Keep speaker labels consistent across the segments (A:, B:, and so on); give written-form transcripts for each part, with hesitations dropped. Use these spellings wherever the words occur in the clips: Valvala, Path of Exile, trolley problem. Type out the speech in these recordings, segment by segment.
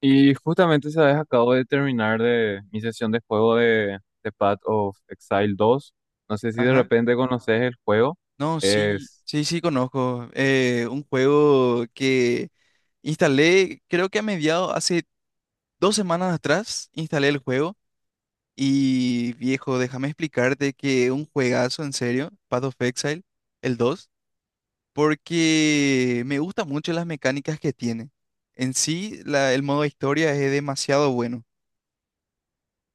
A: Y justamente, ¿sabes? Acabo de terminar de mi sesión de juego de Path of Exile dos. No sé si de
B: Ajá.
A: repente conoces el juego.
B: No, sí,
A: Es...
B: sí, sí, conozco. Un juego que instalé, creo que a mediados, hace 2 semanas atrás, instalé el juego. Y viejo, déjame explicarte que un juegazo, en serio, Path of Exile, el dos, porque me gustan mucho las mecánicas que tiene. En sí, el modo historia es demasiado bueno.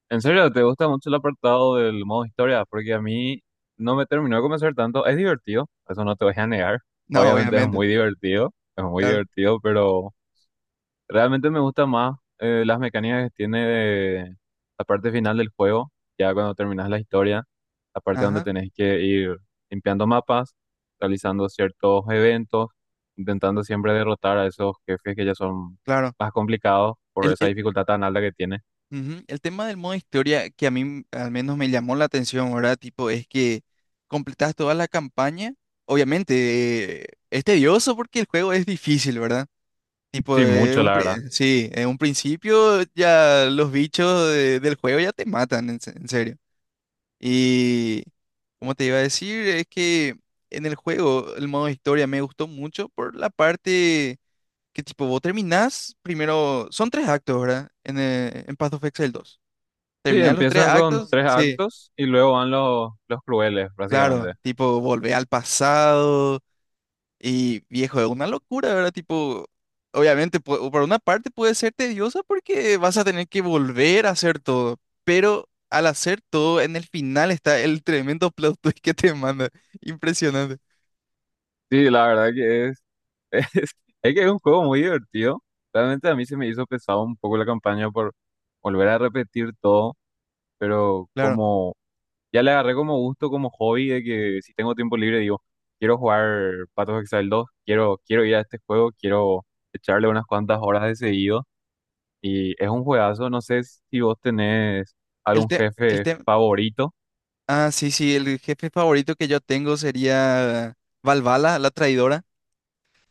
A: En serio, ¿te gusta mucho el apartado del modo historia? Porque a mí no me terminó de convencer tanto. Es divertido, eso no te voy a negar.
B: No, claro,
A: Obviamente
B: obviamente,
A: es muy
B: claro.
A: divertido, pero realmente me gusta más las mecánicas que tiene de la parte final del juego, ya cuando terminas la historia. La parte donde
B: Ajá,
A: tenés que ir limpiando mapas, realizando ciertos eventos, intentando siempre derrotar a esos jefes que ya son
B: claro.
A: más complicados por
B: El,
A: esa
B: el-
A: dificultad tan alta que tiene.
B: Ujú. El tema del modo historia que a mí al menos me llamó la atención, ¿verdad? Tipo, es que completas toda la campaña. Obviamente, es tedioso porque el juego es difícil, ¿verdad? Tipo,
A: Sí, mucho, la verdad.
B: sí, en un principio ya los bichos del juego ya te matan, en, en serio. Y como te iba a decir, es que en el juego el modo historia me gustó mucho por la parte que tipo, vos terminás primero, son tres actos, ¿verdad? En Path of Exile dos.
A: Sí,
B: Terminar los tres
A: empiezan con
B: actos.
A: tres
B: Sí,
A: actos y luego van los crueles, básicamente.
B: claro, tipo volver al pasado y viejo, es una locura, ¿verdad? Tipo, obviamente, por una parte puede ser tediosa porque vas a tener que volver a hacer todo, pero al hacer todo, en el final está el tremendo plot twist que te manda. Impresionante,
A: Sí, la verdad que es, es, es que es un juego muy divertido. Realmente a mí se me hizo pesado un poco la campaña por volver a repetir todo, pero
B: claro.
A: como ya le agarré como gusto, como hobby, de que si tengo tiempo libre digo, quiero jugar Path of Exile dos, quiero, quiero ir a este juego, quiero echarle unas cuantas horas de seguido. Y es un juegazo, no sé si vos tenés
B: El
A: algún
B: te, El
A: jefe
B: te,
A: favorito.
B: ah, sí, sí, el jefe favorito que yo tengo sería Valvala, la traidora,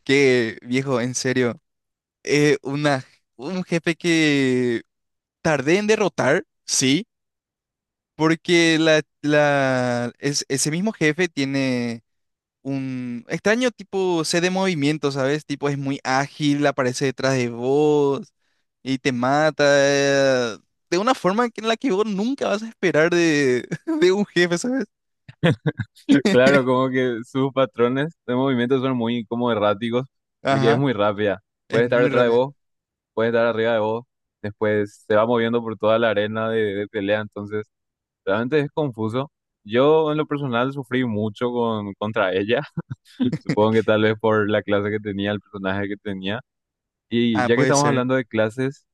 B: que viejo, en serio, eh, una, un jefe que tardé en derrotar, sí, porque ese mismo jefe tiene un extraño tipo C de movimiento, ¿sabes? Tipo es muy ágil, aparece detrás de vos y te mata de una forma en la que vos nunca vas a esperar de, de un jefe, ¿sabes?
A: Claro, como que sus patrones de movimiento son muy como erráticos, porque es
B: Ajá,
A: muy rápida.
B: es
A: Puede estar
B: muy
A: detrás de
B: rápida.
A: vos, puede estar arriba de vos, después se va moviendo por toda la arena de pelea, entonces... Realmente es confuso. Yo en lo personal sufrí mucho contra ella, supongo que tal vez por la clase que tenía, el personaje que tenía. Y
B: Ah,
A: ya que
B: puede
A: estamos
B: ser.
A: hablando de clases,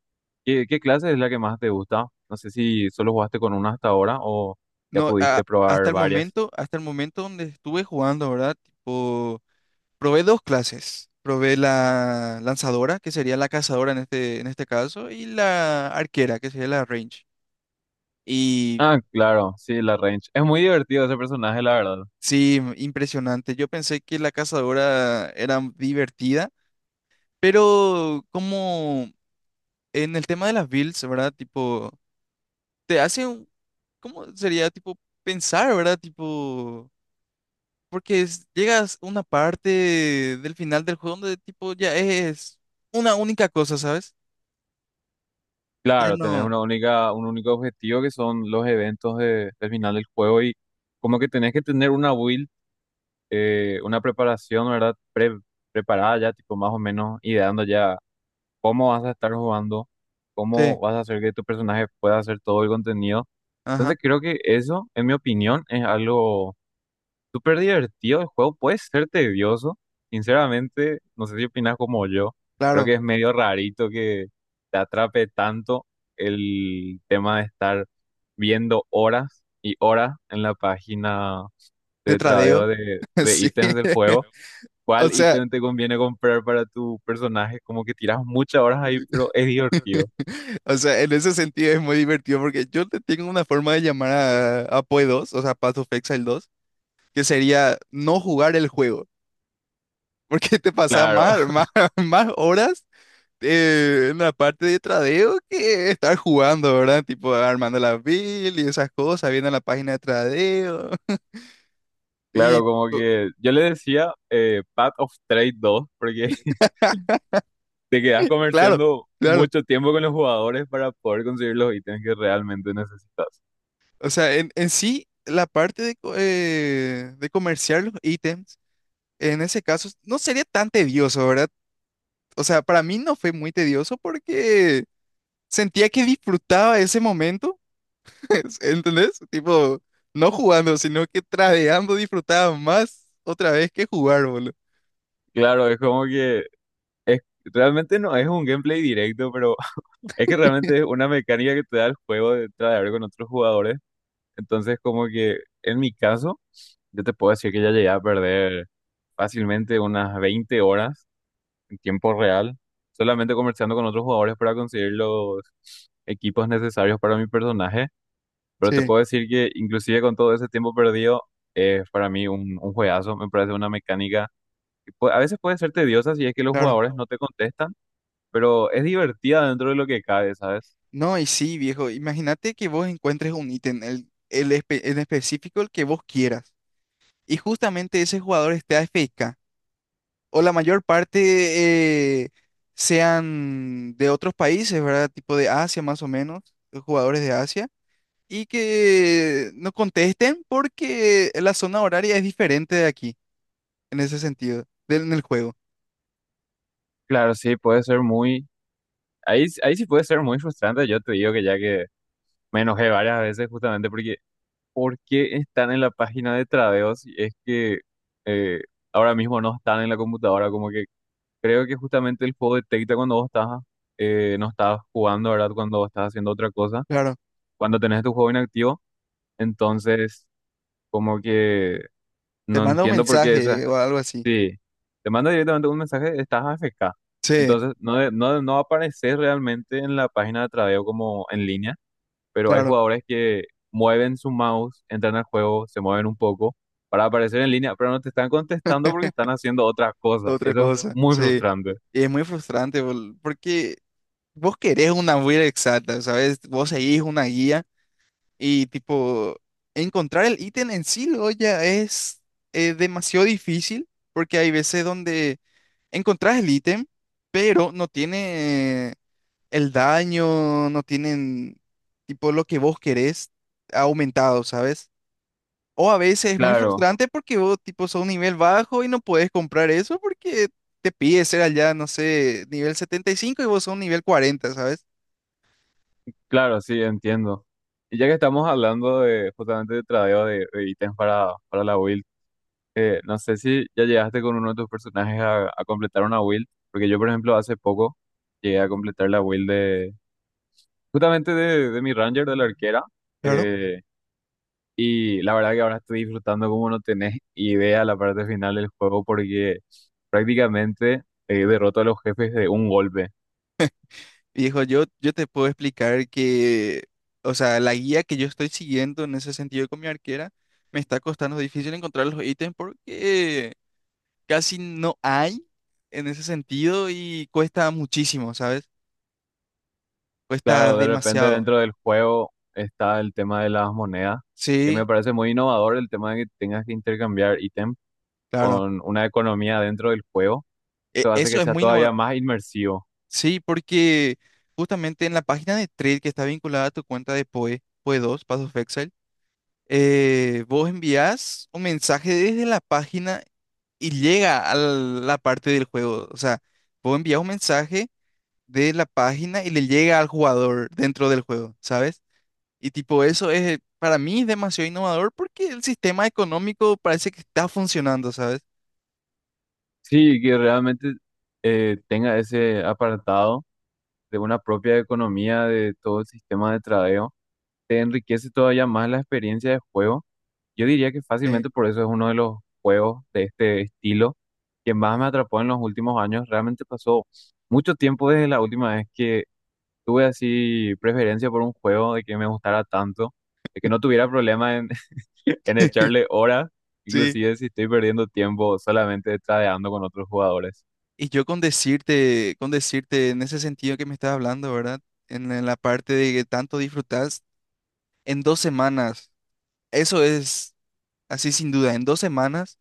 A: ¿qué clase es la que más te gusta? No sé si solo jugaste con una hasta ahora o ya
B: No, a-
A: pudiste probar varias.
B: hasta el momento donde estuve jugando, ¿verdad? Tipo, probé dos clases. Probé la lanzadora, que sería la cazadora en este caso, y la arquera, que sería la range. Y
A: Ah, claro, sí, la range. Es muy divertido ese personaje, la verdad.
B: sí, impresionante. Yo pensé que la cazadora era divertida, pero como en el tema de las builds, ¿verdad? Tipo, te hace un, ¿cómo sería? Tipo, pensar, ¿verdad? Tipo, porque llegas a una parte del final del juego donde tipo ya es una única cosa, ¿sabes? Ya
A: Claro, tenés
B: no.
A: una única, un único objetivo, que son los eventos del final del juego, y como que tenés que tener una build. Eh, una preparación, ¿verdad? Preparada ya, tipo más o menos, ideando ya cómo vas a estar jugando,
B: Sí,
A: cómo vas a hacer que tu personaje pueda hacer todo el contenido. Entonces
B: ajá.
A: creo que eso, en mi opinión, es algo súper divertido. El juego puede ser tedioso, sinceramente, no sé si opinas como yo, creo
B: Claro.
A: que es medio rarito que te atrape tanto el tema de estar viendo horas y horas en la página
B: De
A: de
B: tradeo.
A: tradeo de, de
B: Sí,
A: ítems del juego,
B: o
A: cuál
B: sea,
A: ítem te conviene comprar para tu personaje. Como que tiras muchas horas ahí, pero es divertido.
B: o sea, en ese sentido es muy divertido porque yo te tengo una forma de llamar a PoE 2, o sea, Path of Exile dos, que sería no jugar el juego, porque te pasaba
A: Claro,
B: más horas en la parte de tradeo que estar jugando, ¿verdad? Tipo armando la build y esas cosas, viendo la página de tradeo. Y
A: claro, como
B: tipo,
A: que yo le decía, Path of Trade dos, porque te quedas
B: claro,
A: comerciando
B: claro,
A: mucho tiempo con los jugadores para poder conseguir los ítems que realmente necesitas.
B: o sea, en sí, la parte de, de comerciar los ítems. En ese caso, no sería tan tedioso, ¿verdad? O sea, para mí no fue muy tedioso porque sentía que disfrutaba ese momento, ¿entendés? Tipo, no jugando, sino que tradeando disfrutaba más otra vez que jugar, boludo.
A: Claro, es como que es, realmente no es un gameplay directo, pero es que realmente es una mecánica que te da el juego de tradear con otros jugadores. Entonces, como que en mi caso, yo te puedo decir que ya llegué a perder fácilmente unas 20 horas en tiempo real, solamente conversando con otros jugadores para conseguir los equipos necesarios para mi personaje. Pero te
B: Sí,
A: puedo decir que inclusive con todo ese tiempo perdido, es para mí un juegazo. Me parece una mecánica que a veces puede ser tediosa si es que los jugadores
B: claro.
A: no te contestan, pero es divertida dentro de lo que cabe, ¿sabes?
B: No, y sí, viejo, imagínate que vos encuentres un ítem, en específico el que vos quieras, y justamente ese jugador esté AFK. O la mayor parte sean de otros países, ¿verdad? Tipo de Asia más o menos, jugadores de Asia, y que no contesten porque la zona horaria es diferente de aquí, en ese sentido, del en el juego.
A: Claro, sí, puede ser muy... Ahí, ahí sí puede ser muy frustrante. Yo te digo que ya que me enojé varias veces justamente porque ¿por qué están en la página de tradeo si es que eh, ahora mismo no están en la computadora? Como que creo que justamente el juego detecta cuando vos estás, no estás jugando, ¿verdad? Cuando vos estás haciendo otra cosa,
B: Claro,
A: cuando tenés tu juego inactivo. Entonces, como que
B: te
A: no
B: manda un
A: entiendo por qué esa.
B: mensaje o algo así.
A: Sí, te manda directamente un mensaje, estás AFK.
B: Sí,
A: Entonces, no, no, no apareces realmente en la página de tradeo como en línea, pero hay
B: claro,
A: jugadores que mueven su mouse, entran al juego, se mueven un poco para aparecer en línea, pero no te están contestando porque están haciendo otras cosas.
B: otra
A: Eso es
B: cosa,
A: muy
B: sí.
A: frustrante.
B: Y es muy frustrante porque vos querés una guía exacta, ¿sabes? Vos seguís una guía. Y tipo, encontrar el ítem en sí luego ya es demasiado difícil porque hay veces donde encontrás el ítem, pero no tiene el daño, no tienen tipo lo que vos querés aumentado, ¿sabes? O a veces es muy
A: Claro,
B: frustrante porque vos tipo sos un nivel bajo y no podés comprar eso porque te pide ser allá, no sé, nivel 75 y vos sos un nivel 40, ¿sabes?
A: claro, sí, entiendo. Y ya que estamos hablando de justamente de tradeo de ítems para la build, que no sé si ya llegaste con uno de tus personajes a completar una build, porque yo, por ejemplo, hace poco llegué a completar la build de justamente de mi Ranger, de la arquera. eh, Y la verdad que ahora estoy disfrutando como no tenés idea la parte final del juego, porque prácticamente derroto a los jefes de un golpe.
B: Viejo, yo te puedo explicar que, o sea, la guía que yo estoy siguiendo en ese sentido con mi arquera, me está costando difícil encontrar los ítems porque casi no hay en ese sentido y cuesta muchísimo, ¿sabes? Cuesta claro,
A: Claro,
B: la
A: de repente
B: demasiado. Encuentro.
A: dentro del juego está el tema de las monedas, que me
B: Sí,
A: parece muy innovador el tema de que tengas que intercambiar ítem
B: claro.
A: con una economía dentro del juego. Eso
B: No,
A: hace
B: eso
A: que
B: es
A: sea
B: muy
A: todavía
B: normal.
A: más inmersivo.
B: Sí, porque justamente en la página de trade que está vinculada a tu cuenta de PoE, PoE dos, Path of Exile, vos envías un mensaje desde la página. Y llega a la parte del juego. O sea, vos envías un mensaje de la página y le llega al jugador dentro del juego, ¿sabes? Y tipo, eso es para mí demasiado innovador porque el sistema económico parece que está funcionando, ¿sabes?
A: Sí, que realmente tenga ese apartado de una propia economía de todo el sistema de tradeo. Te enriquece todavía más la experiencia de juego. Yo diría que
B: Eh,
A: fácilmente por eso es uno de los juegos de este estilo que más me atrapó en los últimos años. Realmente pasó mucho tiempo desde la última vez que tuve así preferencia por un juego, de que me gustara tanto, de que no tuviera problema en, en echarle horas,
B: sí.
A: inclusive si estoy perdiendo tiempo solamente tradeando con otros jugadores.
B: Y yo con decirte en ese sentido que me estás hablando, ¿verdad? En la parte de que tanto disfrutas, en dos semanas, eso es así sin duda, en 2 semanas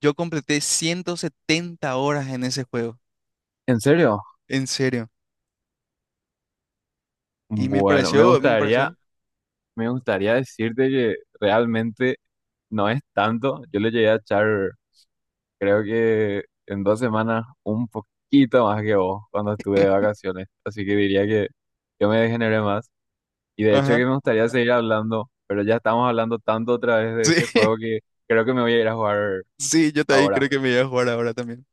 B: yo completé 170 horas en ese juego,
A: ¿En serio?
B: en serio. Y
A: Bueno,
B: me pareció.
A: me gustaría decirte que realmente no es tanto. Yo le llegué a echar, creo que en 2 semanas, un poquito más que vos cuando estuve de vacaciones, así que diría que yo me degeneré más. Y de hecho
B: Ajá.
A: que me gustaría seguir hablando, pero ya estamos hablando tanto otra vez de
B: Sí,
A: este juego que creo que me voy a ir a jugar
B: sí, yo también creo
A: ahora.
B: que me voy a jugar ahora también.